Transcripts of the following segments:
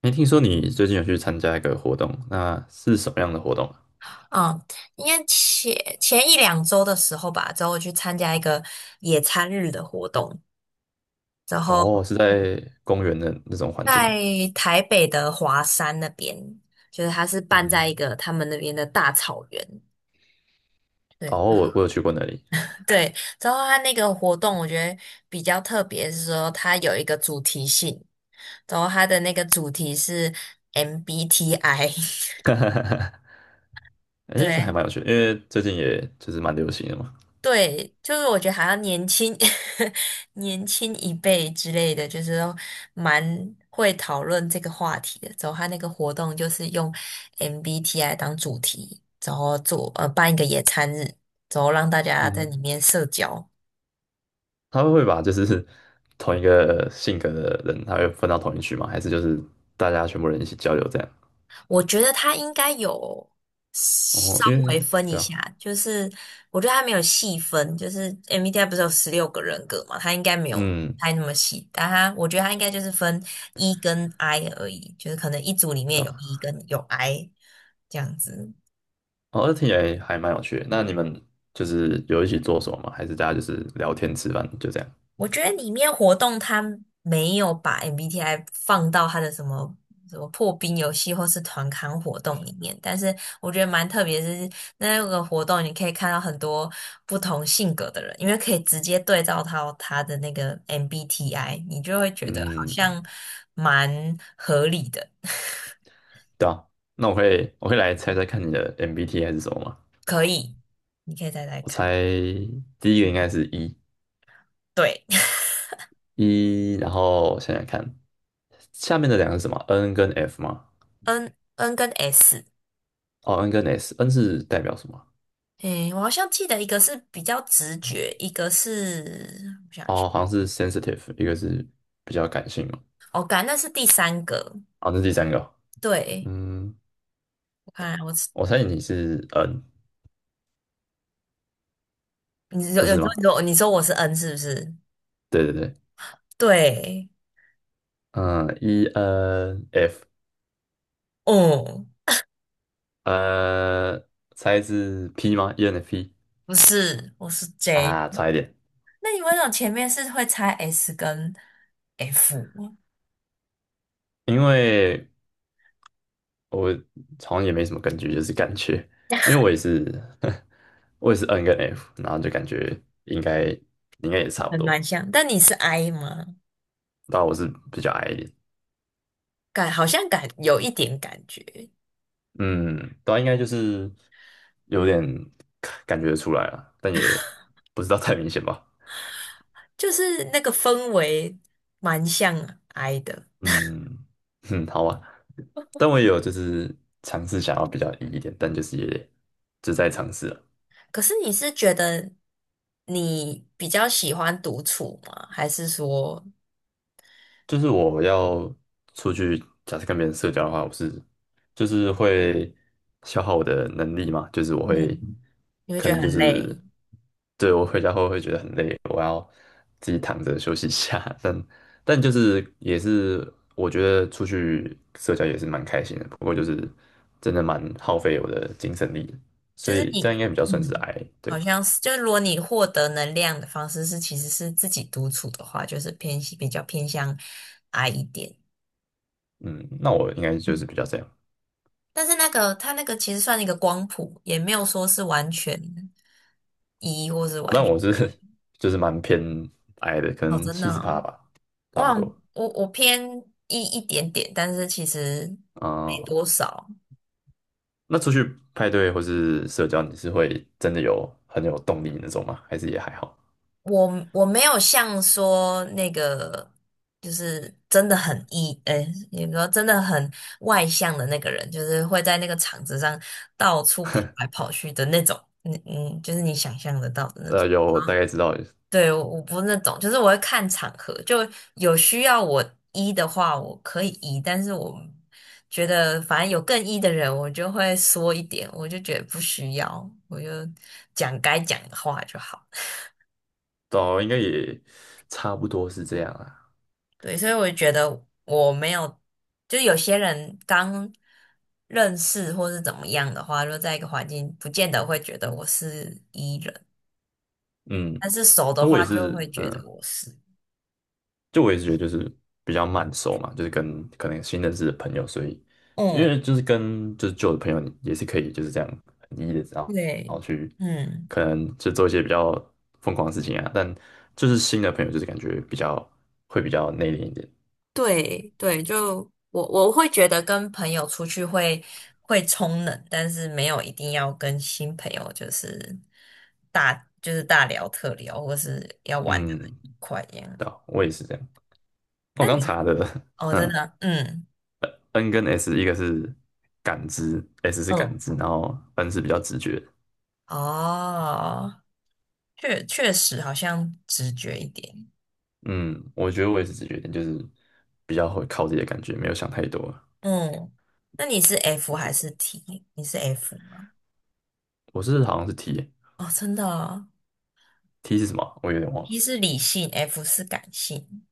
没听说你最近有去参加一个活动，那是什么样的活动啊？嗯，应该前一两周的时候吧，之后我去参加一个野餐日的活动，然后哦，是在公园的那种环境吗？在台北的华山那边，就是它是办嗯，在一个他们那边的大草原。对哦，我有去过那里，对，之后它那个活动我觉得比较特别，是说它有一个主题性，然后它的那个主题是 MBTI。哎这还对，蛮有趣的，因为最近也就是蛮流行的嘛。对，就是我觉得好像年轻 年轻一辈之类的，就是都蛮会讨论这个话题的。之后他那个活动就是用 MBTI 当主题，然后办一个野餐日，然后让大家在里嗯，面社交。他们会把就是 同一个性格的人，他会分到同一区吗？还是就是大家全部人一起交流这样？我觉得他应该有哦，稍因微为分一对啊，下，就是我觉得他没有细分，就是 MBTI 不是有16个人格嘛，他应该没有嗯，太那么细，但他我觉得他应该就是分 E 跟 I 而已，就是可能一组里面对有 E 啊，跟有 I 这样子。哦，那听起来还蛮有趣的。那你们就是有一起做什么吗？还是大家就是聊天吃饭就这样？我觉得里面活动它没有把 MBTI 放到它的什么什么破冰游戏或是团康活动里面，但是我觉得蛮特别的是，那个活动你可以看到很多不同性格的人，因为可以直接对照到他的那个 MBTI,你就会觉得好嗯，像蛮合理的。对啊，那我会来猜猜看你的 MBTI 是什么吗？可以，你可以再来我猜看。第一个应该是 E 对 E，然后想想看，下面的两个是什么？N 跟 F 吗？，N 跟 S,哦，N 跟 S，N 是代表什么？诶，我好像记得一个是比较直觉，一个是我想一下哦，好像是 sensitive，一个是比较感性嘛。哦，感那是第三个。好，那第三个，对，嗯，我看我是。我猜你是 N，你有不有是时吗？候你说我是 N 是不是？对对对，对，嗯，E N F，哦，呃，猜是 P 吗？E N F P 不是，我是 J。啊，差一点，那你为什么前面是会猜 S 跟 F?因为。我好像也没什么根据，就是感觉，因为我也是，我也是 N 跟 F，然后就感觉应该应该也差不很蛮多，像，但你是 I 吗？但我是比较矮一点，好像有一点感觉，嗯，但应该就是有点感觉得出来了，但也不知道太明显吧，就是那个氛围蛮像 I 的。嗯嗯，好吧，但我也有就是尝试想要比较 E 一点，但就是也就在尝试啊可是你是觉得你比较喜欢独处吗？还是说，就是我要出去，假设跟别人社交的话，我是就是会消耗我的能力嘛，就是我会嗯，你会可觉得能就很是累？对我回家后会觉得很累，我要自己躺着休息一下。但就是也是我觉得出去社交也是蛮开心的，不过就是真的蛮耗费我的精神力的就所是以这样你，应该比较算是 嗯，I 好对，像是，就是如果你获得能量的方式是其实是自己独处的话，就是偏比较偏向 I 一点。嗯，那我应该就嗯，是比较这样。但是那个它那个其实算一个光谱，也没有说是完全 E 或是哦完那全。我是 就是蛮偏矮的，可哦，能真的七十哦，趴吧，我差不好像多。我偏 E 一点点，但是其实没啊、多少。那出去派对或是社交，你是会真的有很有动力那种吗？还是也还好？我没有像说那个，就是真的很 E,哎，你说真的很外向的那个人，就是会在那个场子上到处跑来跑去的那种，就是你想象得到的那种。有大概知道，对，我不是那种，就是我会看场合，就有需要我 E 的话，我可以 E,但是我觉得反正有更 E 的人，我就会缩一点，我就觉得不需要，我就讲该讲的话就好。哦，应该也差不多是这样啊。对，所以我就觉得我没有，就有些人刚认识或是怎么样的话，就在一个环境，不见得会觉得我是 E 人，嗯，但是熟的那我话也就是，会觉得嗯，我是。就我也是觉得就是比较慢熟嘛，就是跟可能新认识的朋友，所以因嗯，为就是跟就是旧的朋友也是可以就是这样很一的，然后然对，后去嗯，可能就做一些比较疯狂的事情啊，但就是新的朋友就是感觉比较会比较内敛一点，对对，就我会觉得跟朋友出去会冲冷，但是没有一定要跟新朋友就是大就是大聊特聊，或是要玩的嗯，很愉快一样。对啊我也是这样。我那刚你查的，哦，真嗯的，嗯，N 跟 S 一个是感知，S 是感嗯。知，然后 N 是比较直觉的哦，确实好像直觉一点。嗯，我觉得我也是直觉一点，就是比较会靠自己的感觉，没有想太多。嗯，那你是 F 还是 T?你是 F 吗？我是好像是 T 欸 哦，真的哦 t 是什么啊我有点忘了。，T 是理性，F 是感性。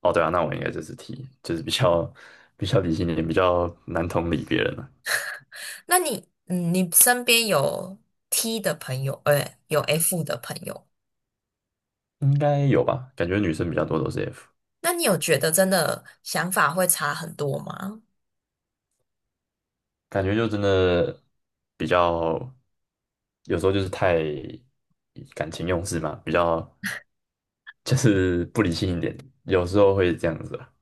哦，对啊，那我应该就是 T，就是比较理性一点，比较难同理别人了，那你，嗯，你身边有 T 的朋友，有 F 的朋友，应该有吧？感觉女生比较多都是 F，那你有觉得真的想法会差很多吗？感觉就真的比较有时候就是太感情用事嘛，比较就是不理性一点，有时候会这样子啊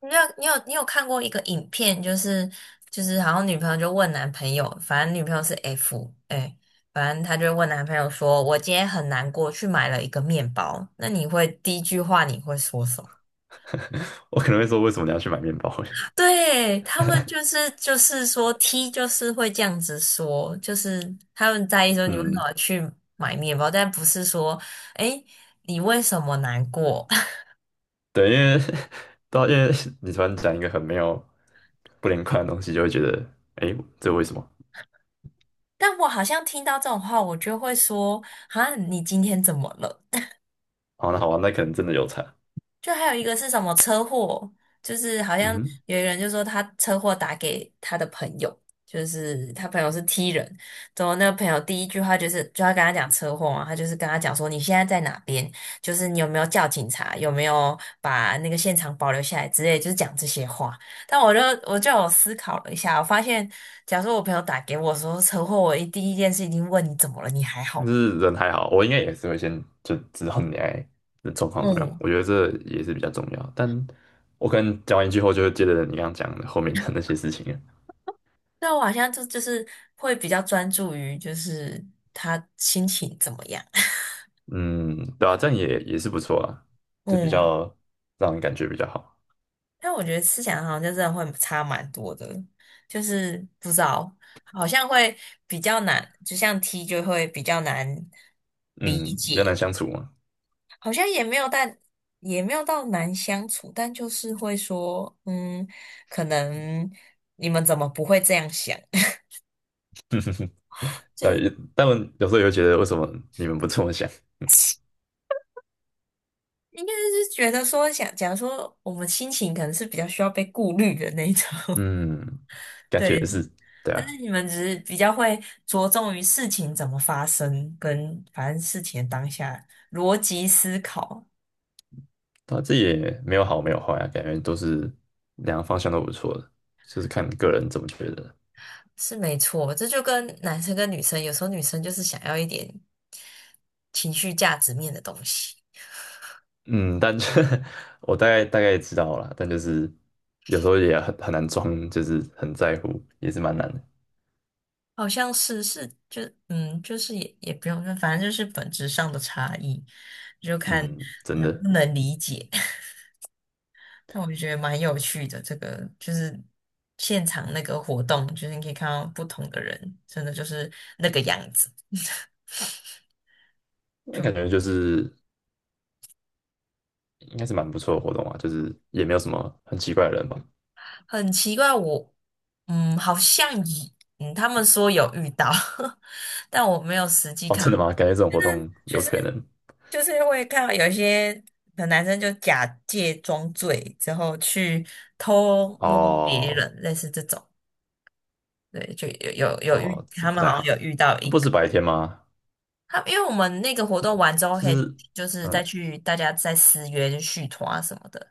你有看过一个影片，就是好像女朋友就问男朋友，反正女朋友是 F,哎，反正他就问男朋友说："我今天很难过，去买了一个面包。"那你会第一句话你会说什么？我可能会说为什么你要去买面包？对，他们就是说 T 就是会这样子说，就是他们在意 说你为什嗯，么去买面包，但不是说哎你为什么难过。对，因为 到因为你突然讲一个很没有不连贯的东西，就会觉得，哎，这为什么？但我好像听到这种话，我就会说："啊，你今天怎么了？"好，那好吧，那可能真的有差。就还有一个是什么车祸，就是好嗯像哼，有一个人就说他车祸打给他的朋友，就是他朋友是 T 人，然后那个朋友第一句话就是就要跟他讲车祸嘛，他就是跟他讲说你现在在哪边，就是你有没有叫警察，有没有把那个现场保留下来之类，就是讲这些话。但我就有思考了一下，我发现假如说我朋友打给我说车祸，我第一件事一定问你怎么了，你还好就吗？是人还好，我应该也是会先就知道你爱的状况怎么样。嗯，我觉得这也是比较重要。但我可能讲完一句后，就会接着你刚刚讲的后面的那些事情了。那我好像就是会比较专注于就是他心情怎么样，嗯，对啊，这样也是不错啊，就比嗯，较让人感觉比较好。但我觉得思想好像就真的会差蛮多的，就是不知道，好像会比较难，就像 T 就会比较难理嗯，比较难解，相处嘛。好像也没有但也没有到难相处，但就是会说，嗯，可能你们怎么不会这样想？就但也是但有时候也会觉得，为什么你们不这么想？应该是觉得说想，假如说我们心情可能是比较需要被顾虑的那一种，嗯，感觉对，是，对但啊。是你们只是比较会着重于事情怎么发生，跟反正事情的当下逻辑思考他这也没有好没有坏啊，感觉都是两个方向都不错的，就是看个人怎么觉得。是没错，这就跟男生跟女生，有时候女生就是想要一点情绪价值面的东西，嗯，但就 我大概知道了但就是有时候也很难装，就是很在乎，也是蛮难的。好像是就是也不用，反正就是本质上的差异，就看嗯，真能的，不能理解。但我就觉得蛮有趣的，这个就是现场那个活动，就是你可以看到不同的人，真的就是那个样子，那就感觉就是应该是蛮不错的活动啊，就是也没有什么很奇怪的人吧。很奇怪。好像他们说有遇到，但我没有实际哦，看真到，的吗？感觉这种活动就有是可能就是会看到有一些可能男生就假借装醉之后去偷摸别哦人，类似这种。对，就有有有遇，哦，这他不们太好像好。有遇到一不个。是白天吗？他因为我们那个活动完之后，就可以是就是再嗯去大家再私约就续团啊什么的，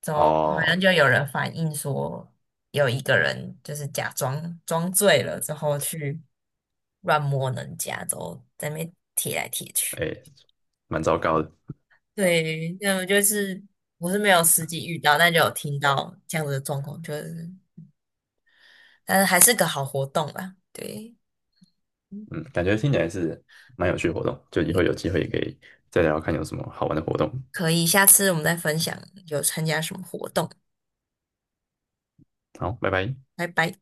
怎么好像哦，就有人反映说，有一个人就是假装装醉了之后去乱摸人家，之后在那边贴来贴去。哎、蛮糟糕的。对，那我就是我是没有实际遇到，但就有听到这样子的状况，就是但是还是个好活动啦。对，嗯，感觉听起来是蛮有趣的活动，就以后有也机会也可以再聊看有什么好玩的活动。可以，下次我们再分享有参加什么活动。好，拜拜。拜拜。